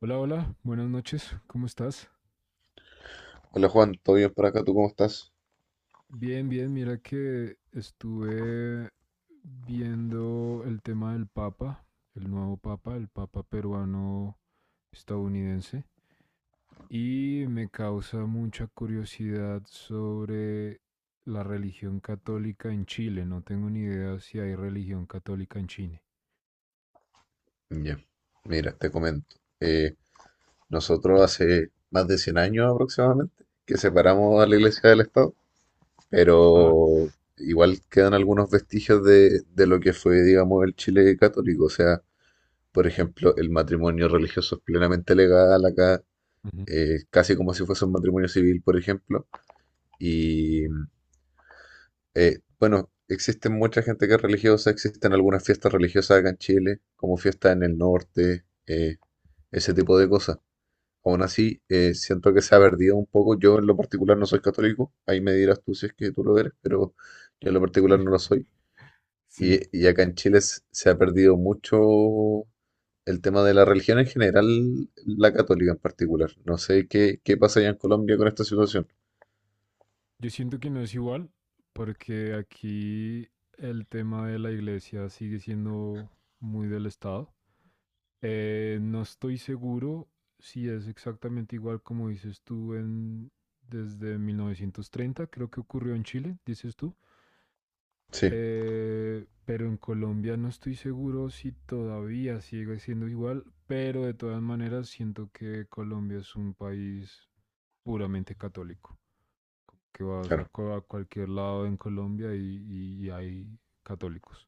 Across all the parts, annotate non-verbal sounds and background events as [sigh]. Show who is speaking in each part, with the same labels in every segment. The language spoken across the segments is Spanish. Speaker 1: Hola, hola, buenas noches, ¿cómo estás?
Speaker 2: Hola Juan, ¿todo bien por acá? ¿Tú cómo estás?
Speaker 1: Bien, bien, mira que estuve viendo el tema del Papa, el nuevo Papa, el Papa peruano estadounidense, y me causa mucha curiosidad sobre la religión católica en Chile. No tengo ni idea si hay religión católica en Chile.
Speaker 2: Ya, mira, te comento. Nosotros hace más de 100 años aproximadamente que separamos a la Iglesia del Estado,
Speaker 1: Ah,
Speaker 2: pero igual quedan algunos vestigios de lo que fue, digamos, el Chile católico. O sea, por ejemplo, el matrimonio religioso es plenamente legal acá,
Speaker 1: ujú,
Speaker 2: casi como si fuese un matrimonio civil, por ejemplo. y
Speaker 1: ujú,
Speaker 2: Bueno, existe mucha gente que es religiosa, existen algunas fiestas religiosas acá en Chile, como fiestas en el norte, ese tipo de cosas. Aún así, siento que se ha perdido un poco. Yo en lo particular no soy católico, ahí me dirás tú si es que tú lo eres, pero yo en lo particular no lo soy.
Speaker 1: sí.
Speaker 2: Y acá en Chile se ha perdido mucho el tema de la religión en general, la católica en particular. No sé qué pasa allá en Colombia con esta situación.
Speaker 1: Yo siento que no es igual, porque aquí el tema de la iglesia sigue siendo muy del Estado. No estoy seguro si es exactamente igual como dices tú desde 1930. Creo que ocurrió en Chile, dices tú.
Speaker 2: Sí,
Speaker 1: Pero en Colombia no estoy seguro si todavía sigue siendo igual, pero de todas maneras siento que Colombia es un país puramente católico que vas a,
Speaker 2: claro.
Speaker 1: cu- a cualquier lado en Colombia y hay católicos.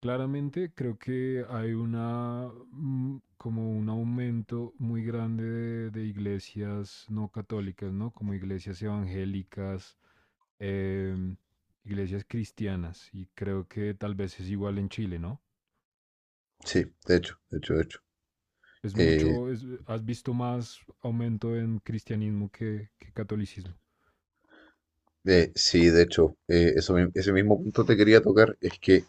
Speaker 1: Claramente creo que hay una como un aumento muy grande de iglesias no católicas, ¿no? Como iglesias evangélicas, em, iglesias cristianas, y creo que tal vez es igual en Chile, ¿no?
Speaker 2: Sí, de hecho.
Speaker 1: Es
Speaker 2: Eh,
Speaker 1: mucho, has visto más aumento en cristianismo que catolicismo.
Speaker 2: Sí, de hecho, eso, ese mismo punto te quería tocar, es que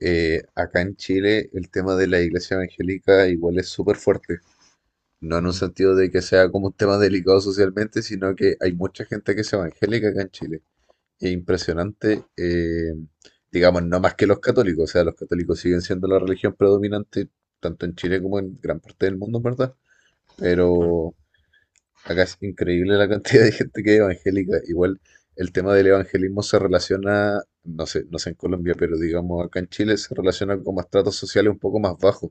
Speaker 2: acá en Chile el tema de la iglesia evangélica igual es súper fuerte, no en un
Speaker 1: Ujú,
Speaker 2: sentido de que sea como un tema delicado socialmente, sino que hay mucha gente que es evangélica acá en Chile. Es impresionante, digamos, no más que los católicos, o sea, los católicos siguen siendo la religión predominante tanto en Chile como en gran parte del mundo, ¿verdad?
Speaker 1: claro.
Speaker 2: Pero acá es increíble la cantidad de gente que es evangélica. Igual el tema del evangelismo se relaciona, no sé, no sé en Colombia, pero digamos acá en Chile se relaciona con estratos sociales un poco más bajos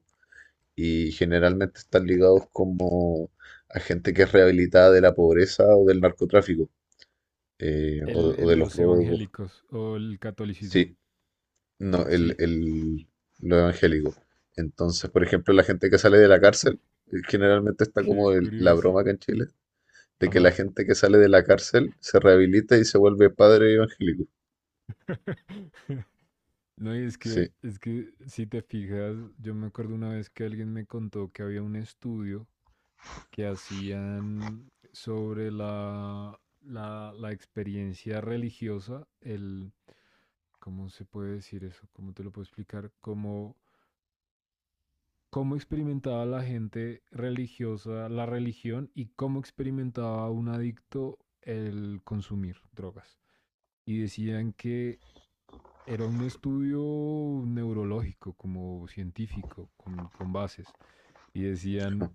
Speaker 2: y generalmente están ligados como a gente que es rehabilitada de la pobreza o del narcotráfico, o,
Speaker 1: El,
Speaker 2: o
Speaker 1: el-
Speaker 2: de los
Speaker 1: los
Speaker 2: robos.
Speaker 1: evangélicos o el catolicismo.
Speaker 2: Sí, no,
Speaker 1: Sí.
Speaker 2: lo evangélico. Entonces, por ejemplo, la gente que sale de la cárcel,
Speaker 1: [laughs]
Speaker 2: generalmente está
Speaker 1: Qué
Speaker 2: como la broma
Speaker 1: curioso.
Speaker 2: acá en Chile de que la
Speaker 1: Ajá.
Speaker 2: gente que sale de la cárcel se rehabilita y se vuelve padre evangélico.
Speaker 1: [laughs] No, y es que,
Speaker 2: Sí,
Speaker 1: es que si te fijas, yo me acuerdo una vez que alguien me contó que había un estudio que hacían sobre la experiencia religiosa, ¿cómo se puede decir eso? ¿Cómo te lo puedo explicar? Cómo experimentaba la gente religiosa la religión y cómo experimentaba un adicto el consumir drogas. Y decían que era un estudio neurológico, como científico, con bases. Y
Speaker 2: no.
Speaker 1: decían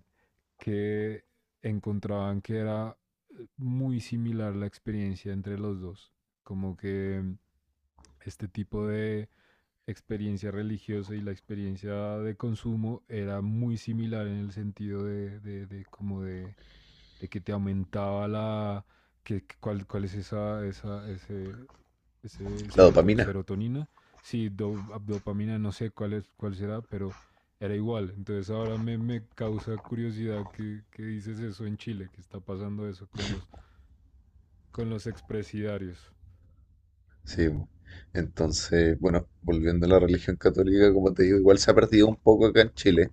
Speaker 1: que encontraban que era muy similar la experiencia entre los dos. Como que este tipo de experiencia religiosa y la experiencia de consumo era muy similar en el sentido de como de que te aumentaba que cuál es ese
Speaker 2: La dopamina.
Speaker 1: serotonina, sí, dopamina, no sé cuál es, cuál será, pero era igual. Entonces ahora me causa curiosidad que dices eso en Chile, que está pasando eso con los expresidiarios.
Speaker 2: Sí, po. Entonces, bueno, volviendo a la religión católica, como te digo, igual se ha perdido un poco acá en Chile.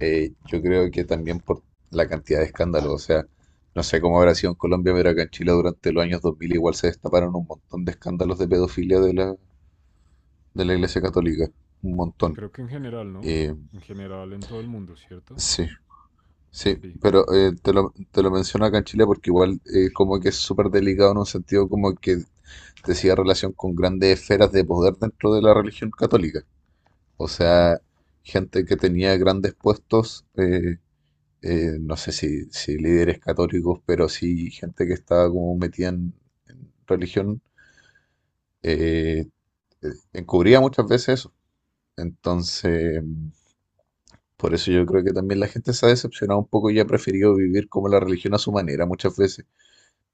Speaker 2: Yo creo que también por la cantidad de escándalos. O sea, no sé cómo habrá sido en Colombia, pero acá en Chile durante los años 2000 igual se destaparon un montón de escándalos de pedofilia de la Iglesia Católica. Un montón.
Speaker 1: Creo que en general, ¿no?
Speaker 2: Eh,
Speaker 1: En general en todo el mundo, ¿cierto?
Speaker 2: sí. Sí,
Speaker 1: Sí.
Speaker 2: pero te lo menciono acá en Chile porque igual como que es súper delicado en un sentido como que decía relación con grandes esferas de poder dentro de la religión católica. O
Speaker 1: Ujú.
Speaker 2: sea, gente que tenía grandes puestos, no sé si líderes católicos, pero sí gente que estaba como metida en religión, eh, eh, encubría muchas veces eso. Entonces, por eso yo creo que también la gente se ha decepcionado un poco y ha preferido vivir como la religión a su manera muchas veces,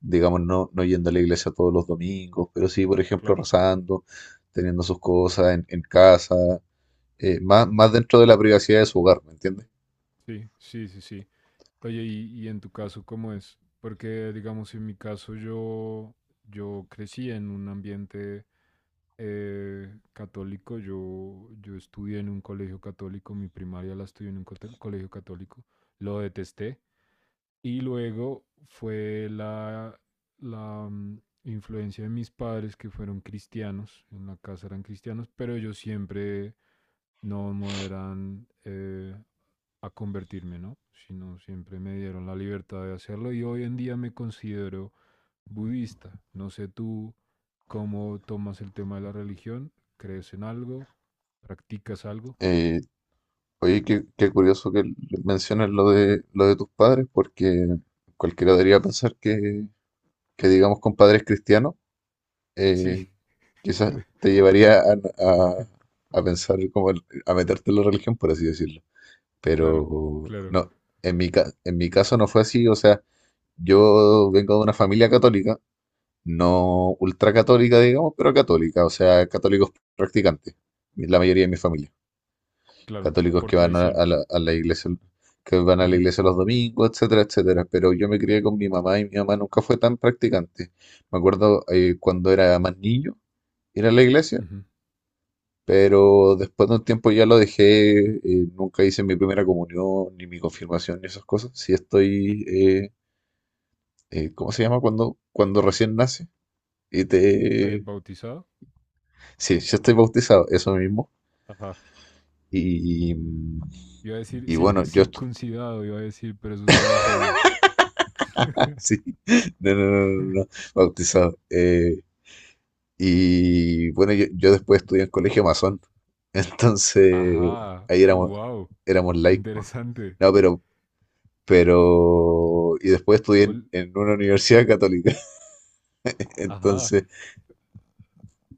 Speaker 2: digamos, no, no yendo a la iglesia todos los domingos, pero sí, por ejemplo,
Speaker 1: Claro.
Speaker 2: rezando, teniendo sus cosas en casa, más dentro de la privacidad de su hogar, ¿me entiendes?
Speaker 1: Sí, sí, sí, sí. Oye, y en tu caso, ¿cómo es? Porque, digamos, en mi caso yo crecí en un ambiente católico, yo estudié en un colegio católico, mi primaria la estudié en un colegio católico, lo detesté. Y luego fue la influencia de mis padres que fueron cristianos, en la casa eran cristianos, pero ellos siempre no, no eran a convertirme, ¿no? Sino siempre me dieron la libertad de hacerlo y hoy en día me considero budista. No sé tú cómo tomas el tema de la religión, crees en algo, practicas algo.
Speaker 2: Eh, oye, qué curioso que menciones lo de tus padres, porque cualquiera debería pensar que, digamos, con padres cristianos,
Speaker 1: Sí.
Speaker 2: eh, quizás
Speaker 1: [laughs]
Speaker 2: te llevaría a pensar como a meterte en la religión, por así decirlo.
Speaker 1: Claro,
Speaker 2: Pero
Speaker 1: claro,
Speaker 2: no, en en mi caso no fue así, o sea, yo vengo de una familia católica, no ultracatólica, digamos, pero católica, o sea, católicos practicantes, la mayoría de mi familia,
Speaker 1: claro,
Speaker 2: católicos
Speaker 1: por
Speaker 2: que van a,
Speaker 1: tradición.
Speaker 2: a la, a la iglesia, que van a la
Speaker 1: Ujú,
Speaker 2: iglesia los domingos, etcétera, etcétera, pero yo me crié con mi mamá y mi mamá nunca fue tan practicante. Me acuerdo cuando era más niño, ir a la iglesia,
Speaker 1: ujú.
Speaker 2: pero después de un tiempo ya lo dejé, nunca hice mi primera comunión, ni mi confirmación, ni esas cosas. Sí estoy, ¿cómo se llama? Cuando, recién nace. Y te...
Speaker 1: ¿Bautizado?
Speaker 2: Sí, yo estoy bautizado, eso mismo.
Speaker 1: Ajá.
Speaker 2: Y,
Speaker 1: Iba a decir
Speaker 2: y bueno, yo estoy...
Speaker 1: circuncidado, iba a decir, pero eso es de los judíos.
Speaker 2: [laughs] Sí, no, no, no, no, no, bautizado. Y bueno, yo después estudié en colegio masón. [laughs] Entonces,
Speaker 1: Ajá,
Speaker 2: ahí éramos,
Speaker 1: wow,
Speaker 2: éramos laicos.
Speaker 1: interesante.
Speaker 2: No, pero y después estudié en,
Speaker 1: Col-
Speaker 2: en una universidad católica. [laughs]
Speaker 1: Ajá.
Speaker 2: Entonces,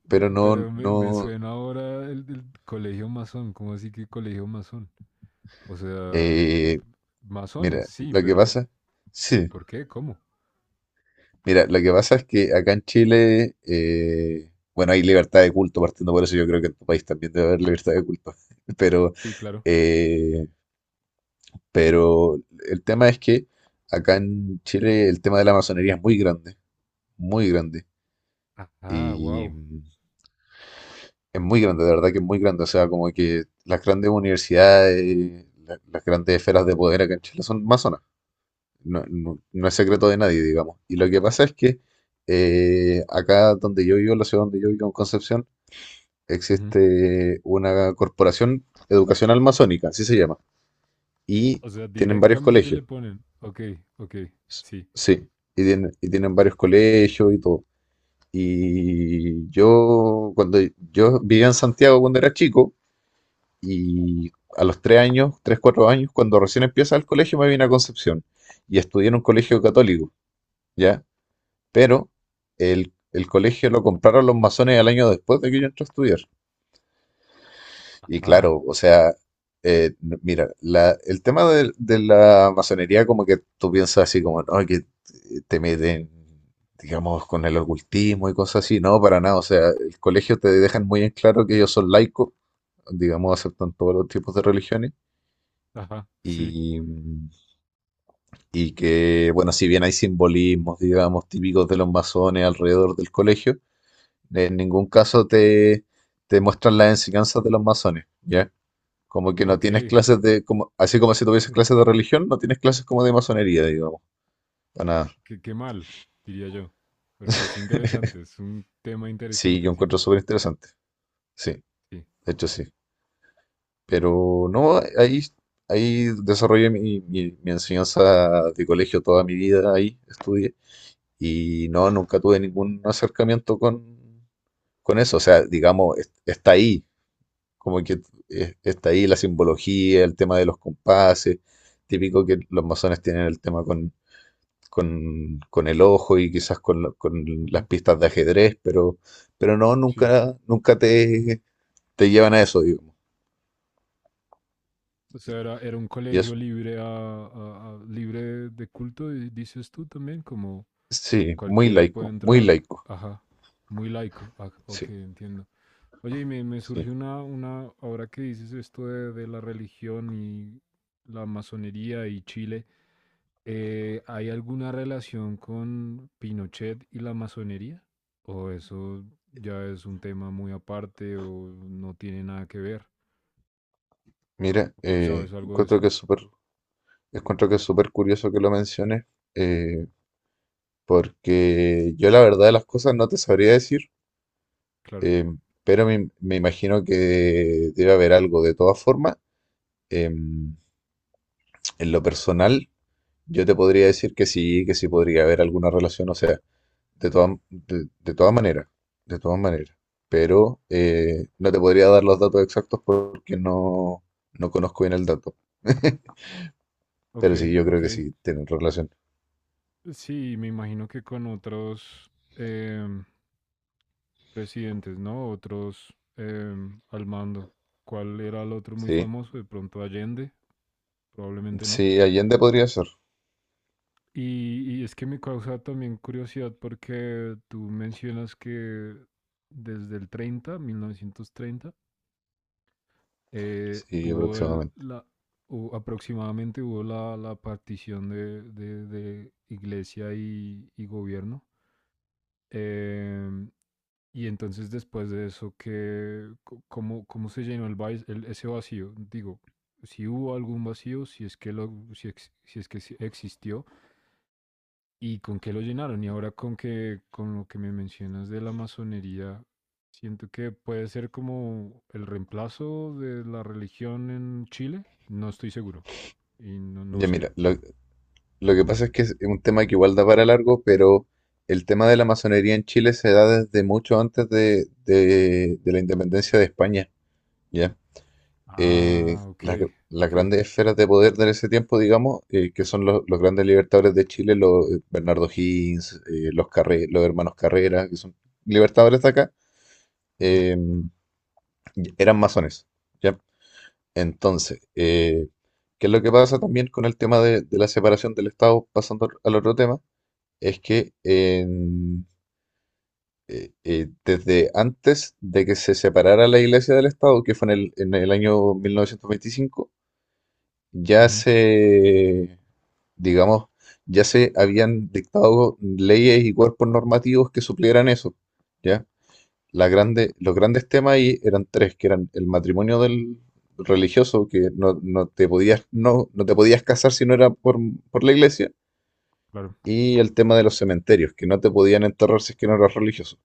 Speaker 2: pero no,
Speaker 1: Pero me
Speaker 2: no,
Speaker 1: suena ahora el colegio masón, ¿cómo así que colegio masón? O sea, eh,
Speaker 2: eh,
Speaker 1: masones,
Speaker 2: mira,
Speaker 1: sí,
Speaker 2: lo que
Speaker 1: pero
Speaker 2: pasa, sí,
Speaker 1: ¿por qué? ¿Cómo?
Speaker 2: mira, lo que pasa es que acá en Chile, bueno, hay libertad de culto, partiendo por eso yo creo que en tu país también debe haber libertad de culto, [laughs] pero,
Speaker 1: Sí, claro.
Speaker 2: eh, pero el tema es que acá en Chile el tema de la masonería es muy grande, muy grande.
Speaker 1: Ah,
Speaker 2: Y
Speaker 1: wow.
Speaker 2: es muy grande, de verdad que es muy grande. O sea, como que las grandes universidades, las grandes esferas de poder acá en Chile son masonas. No es secreto de nadie, digamos. Y lo que pasa es que acá donde yo vivo, la ciudad donde yo vivo, en Concepción, existe una corporación educacional masónica, así se llama. Y
Speaker 1: O sea,
Speaker 2: tienen varios
Speaker 1: directamente le
Speaker 2: colegios.
Speaker 1: ponen, ok, ok,
Speaker 2: S-
Speaker 1: sí.
Speaker 2: Sí, y tienen varios colegios y todo. Y yo, cuando yo vivía en Santiago cuando era chico, y a los 3 años, 3, 4 años, cuando recién empieza el colegio, me vine a Concepción y estudié en un colegio católico, ¿ya? Pero el colegio lo compraron los masones al año después de que yo entré a estudiar. Y
Speaker 1: Ah,
Speaker 2: claro, o sea, mira, el tema de la masonería, como que tú piensas así, como, no, que te meten, digamos, con el ocultismo y cosas así. No, para nada. O sea, el colegio te dejan muy en claro que ellos son laicos, digamos, aceptan todos los tipos de religiones.
Speaker 1: ajá, sí,
Speaker 2: Y, y que, bueno, si bien hay simbolismos, digamos, típicos de los masones alrededor del colegio, en ningún caso te muestran las enseñanzas de los masones, ¿ya? Como que no
Speaker 1: ok.
Speaker 2: tienes clases de, como, así como si tuvieses clases de religión, no tienes clases como de masonería, digamos. Para nada.
Speaker 1: Qué mal, diría yo. Porque es interesante, es un tema
Speaker 2: Sí, yo
Speaker 1: interesante,
Speaker 2: encuentro
Speaker 1: siento.
Speaker 2: súper interesante. Sí,
Speaker 1: Sí.
Speaker 2: de hecho sí. Pero no, ahí desarrollé mi enseñanza de colegio toda mi vida, ahí estudié. Y no, nunca tuve ningún acercamiento con eso. O sea, digamos, está ahí, como que está ahí la simbología, el tema de los compases. Típico que los masones tienen el tema con, con el ojo y quizás con las
Speaker 1: Ujú.
Speaker 2: pistas de ajedrez, pero no,
Speaker 1: Sí.
Speaker 2: nunca te llevan a eso, digamos.
Speaker 1: O sea, era un
Speaker 2: Y
Speaker 1: colegio
Speaker 2: eso,
Speaker 1: libre libre de culto, y dices tú también, como
Speaker 2: sí, muy
Speaker 1: cualquiera puede
Speaker 2: laico, muy
Speaker 1: entrar.
Speaker 2: laico.
Speaker 1: Ajá, muy laico. Ah, ok,
Speaker 2: Sí,
Speaker 1: entiendo. Oye, y me
Speaker 2: sí.
Speaker 1: surge ahora que dices esto de la religión y la masonería y Chile, ¿hay alguna relación con Pinochet y la masonería? ¿O eso ya es un tema muy aparte o no tiene nada que ver?
Speaker 2: Mira,
Speaker 1: ¿Tú sabes algo de eso?
Speaker 2: encuentro que es súper curioso que lo menciones. Eh, Porque yo la verdad de las cosas no te sabría decir,
Speaker 1: Claro.
Speaker 2: em, pero me imagino que debe haber algo. De todas formas, em, en lo personal, yo te podría decir que sí podría haber alguna relación, o sea, de todas de, de todas maneras, de todas maneras. Pero no te podría dar los datos exactos porque no conozco bien el dato. [laughs]
Speaker 1: Ok,
Speaker 2: Pero sí, yo creo que
Speaker 1: ok.
Speaker 2: sí, tienen relación.
Speaker 1: Sí, me imagino que con otros em, presidentes, ¿no? Otros al mando. ¿Cuál era el otro muy
Speaker 2: Sí,
Speaker 1: famoso? De pronto Allende, probablemente no.
Speaker 2: sí, Allende podría ser.
Speaker 1: Y es que me causa también curiosidad porque tú mencionas que desde el 30, 1930,
Speaker 2: Sí,
Speaker 1: hubo
Speaker 2: aproximadamente.
Speaker 1: aproximadamente hubo la partición de iglesia y gobierno. Em, y entonces después de eso, ¿cómo se llenó ese vacío? Digo, si hubo algún vacío, si es que sí existió, y con qué lo llenaron. Y ahora con lo que me mencionas de la masonería, siento que puede ser como el reemplazo de la religión en Chile. No estoy seguro. Y no, no
Speaker 2: Ya,
Speaker 1: sé.
Speaker 2: mira, lo que pasa es que es un tema que igual da para largo, pero el tema de la masonería en Chile se da desde mucho antes de la independencia de España, ¿ya? Eh,
Speaker 1: Ah, ok,
Speaker 2: las, las
Speaker 1: ok.
Speaker 2: grandes esferas de poder de ese tiempo, digamos, que son los grandes libertadores de Chile, los Bernardo Higgins, los hermanos Carrera, que son libertadores de acá,
Speaker 1: Ujú,
Speaker 2: eh, eran masones, ¿ya? Entonces, ¿qué es lo que pasa también con el tema de la separación del Estado, pasando al otro tema? Es que desde antes de que se separara la Iglesia del Estado, que fue en el, año 1925, ya
Speaker 1: ujú,
Speaker 2: se, digamos, ya se habían dictado leyes y cuerpos normativos que suplieran eso, ¿ya? La grande, los grandes temas ahí eran tres, que eran el matrimonio del religioso, que no te podías casar si no era por la Iglesia,
Speaker 1: claro.
Speaker 2: y el tema de los cementerios, que no te podían enterrar si es que no eras religioso,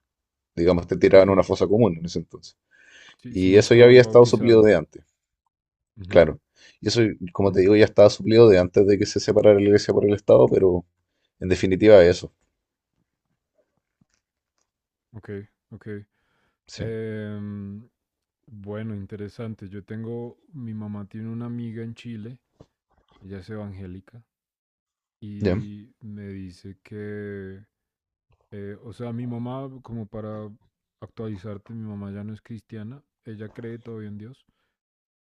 Speaker 2: digamos, te tiraban
Speaker 1: Ok.
Speaker 2: a una fosa común en ese entonces.
Speaker 1: Si, si
Speaker 2: Y
Speaker 1: no
Speaker 2: eso ya había
Speaker 1: estabas
Speaker 2: estado suplido
Speaker 1: bautizado.
Speaker 2: de antes,
Speaker 1: Ujú,
Speaker 2: claro. Y eso, como te
Speaker 1: ujú.
Speaker 2: digo, ya estaba suplido de antes de que se separara la iglesia por el Estado, pero en definitiva eso,
Speaker 1: Ok, ok.
Speaker 2: sí.
Speaker 1: Em, bueno, interesante. Yo tengo, mi mamá tiene una amiga en Chile, ella es evangélica,
Speaker 2: Ya,
Speaker 1: y me dice que, o sea, mi mamá, como para actualizarte, mi mamá ya no es cristiana, ella cree todavía en Dios,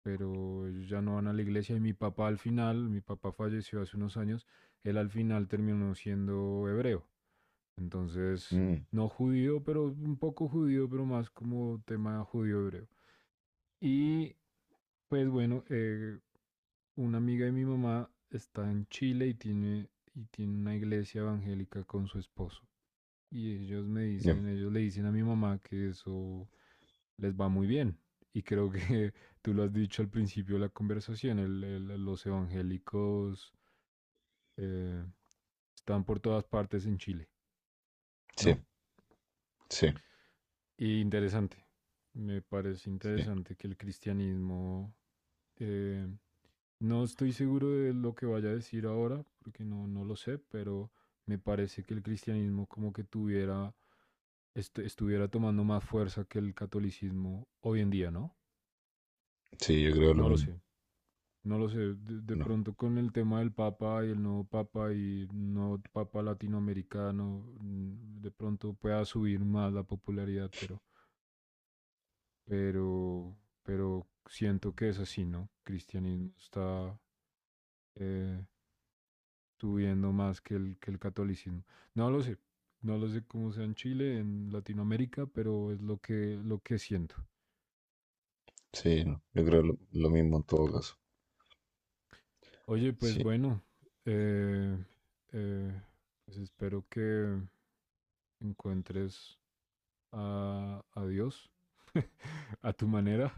Speaker 1: pero ellos ya no van a la iglesia y mi papá al final, mi papá falleció hace unos años, él al final terminó siendo hebreo. Entonces,
Speaker 2: mm,
Speaker 1: no judío, pero un poco judío, pero más como tema judío hebreo. Y pues bueno, una amiga de mi mamá está en Chile y tiene, una iglesia evangélica con su esposo. Y ellos me
Speaker 2: ya,
Speaker 1: dicen, ellos le dicen a mi mamá que eso les va muy bien. Y creo que [laughs] tú lo has dicho al principio de la conversación, los evangélicos eh, están por todas partes en Chile,
Speaker 2: sí,
Speaker 1: ¿no?
Speaker 2: sí,
Speaker 1: Y interesante. Me parece
Speaker 2: sí,
Speaker 1: interesante que el cristianismo… eh, no estoy seguro de lo que vaya a decir ahora, porque no, no lo sé, pero me parece que el cristianismo como que tuviera… estuviera tomando más fuerza que el catolicismo hoy en día, ¿no?
Speaker 2: sí, yo creo lo
Speaker 1: No lo
Speaker 2: mismo.
Speaker 1: sé. No lo sé, de, de
Speaker 2: No,
Speaker 1: pronto con el tema del Papa y el nuevo Papa y no Papa latinoamericano, de pronto pueda subir más la popularidad, pero pero, pero, siento que es así, ¿no? Cristianismo está eh, subiendo más que el catolicismo. No lo sé, no lo sé cómo sea en Chile, en Latinoamérica, pero es lo que siento.
Speaker 2: sí, no, yo creo lo mismo en todo caso.
Speaker 1: Oye, pues
Speaker 2: Sí,
Speaker 1: bueno, eh, eh, pues espero que encuentres a Dios [laughs] a tu manera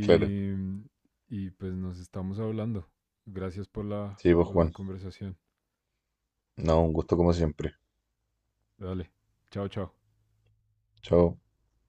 Speaker 2: claro.
Speaker 1: y pues nos estamos hablando. Gracias por la,
Speaker 2: Sí, pues
Speaker 1: por la
Speaker 2: Juan,
Speaker 1: conversación.
Speaker 2: no, un gusto como siempre.
Speaker 1: Dale. Chao, chao.
Speaker 2: Chao.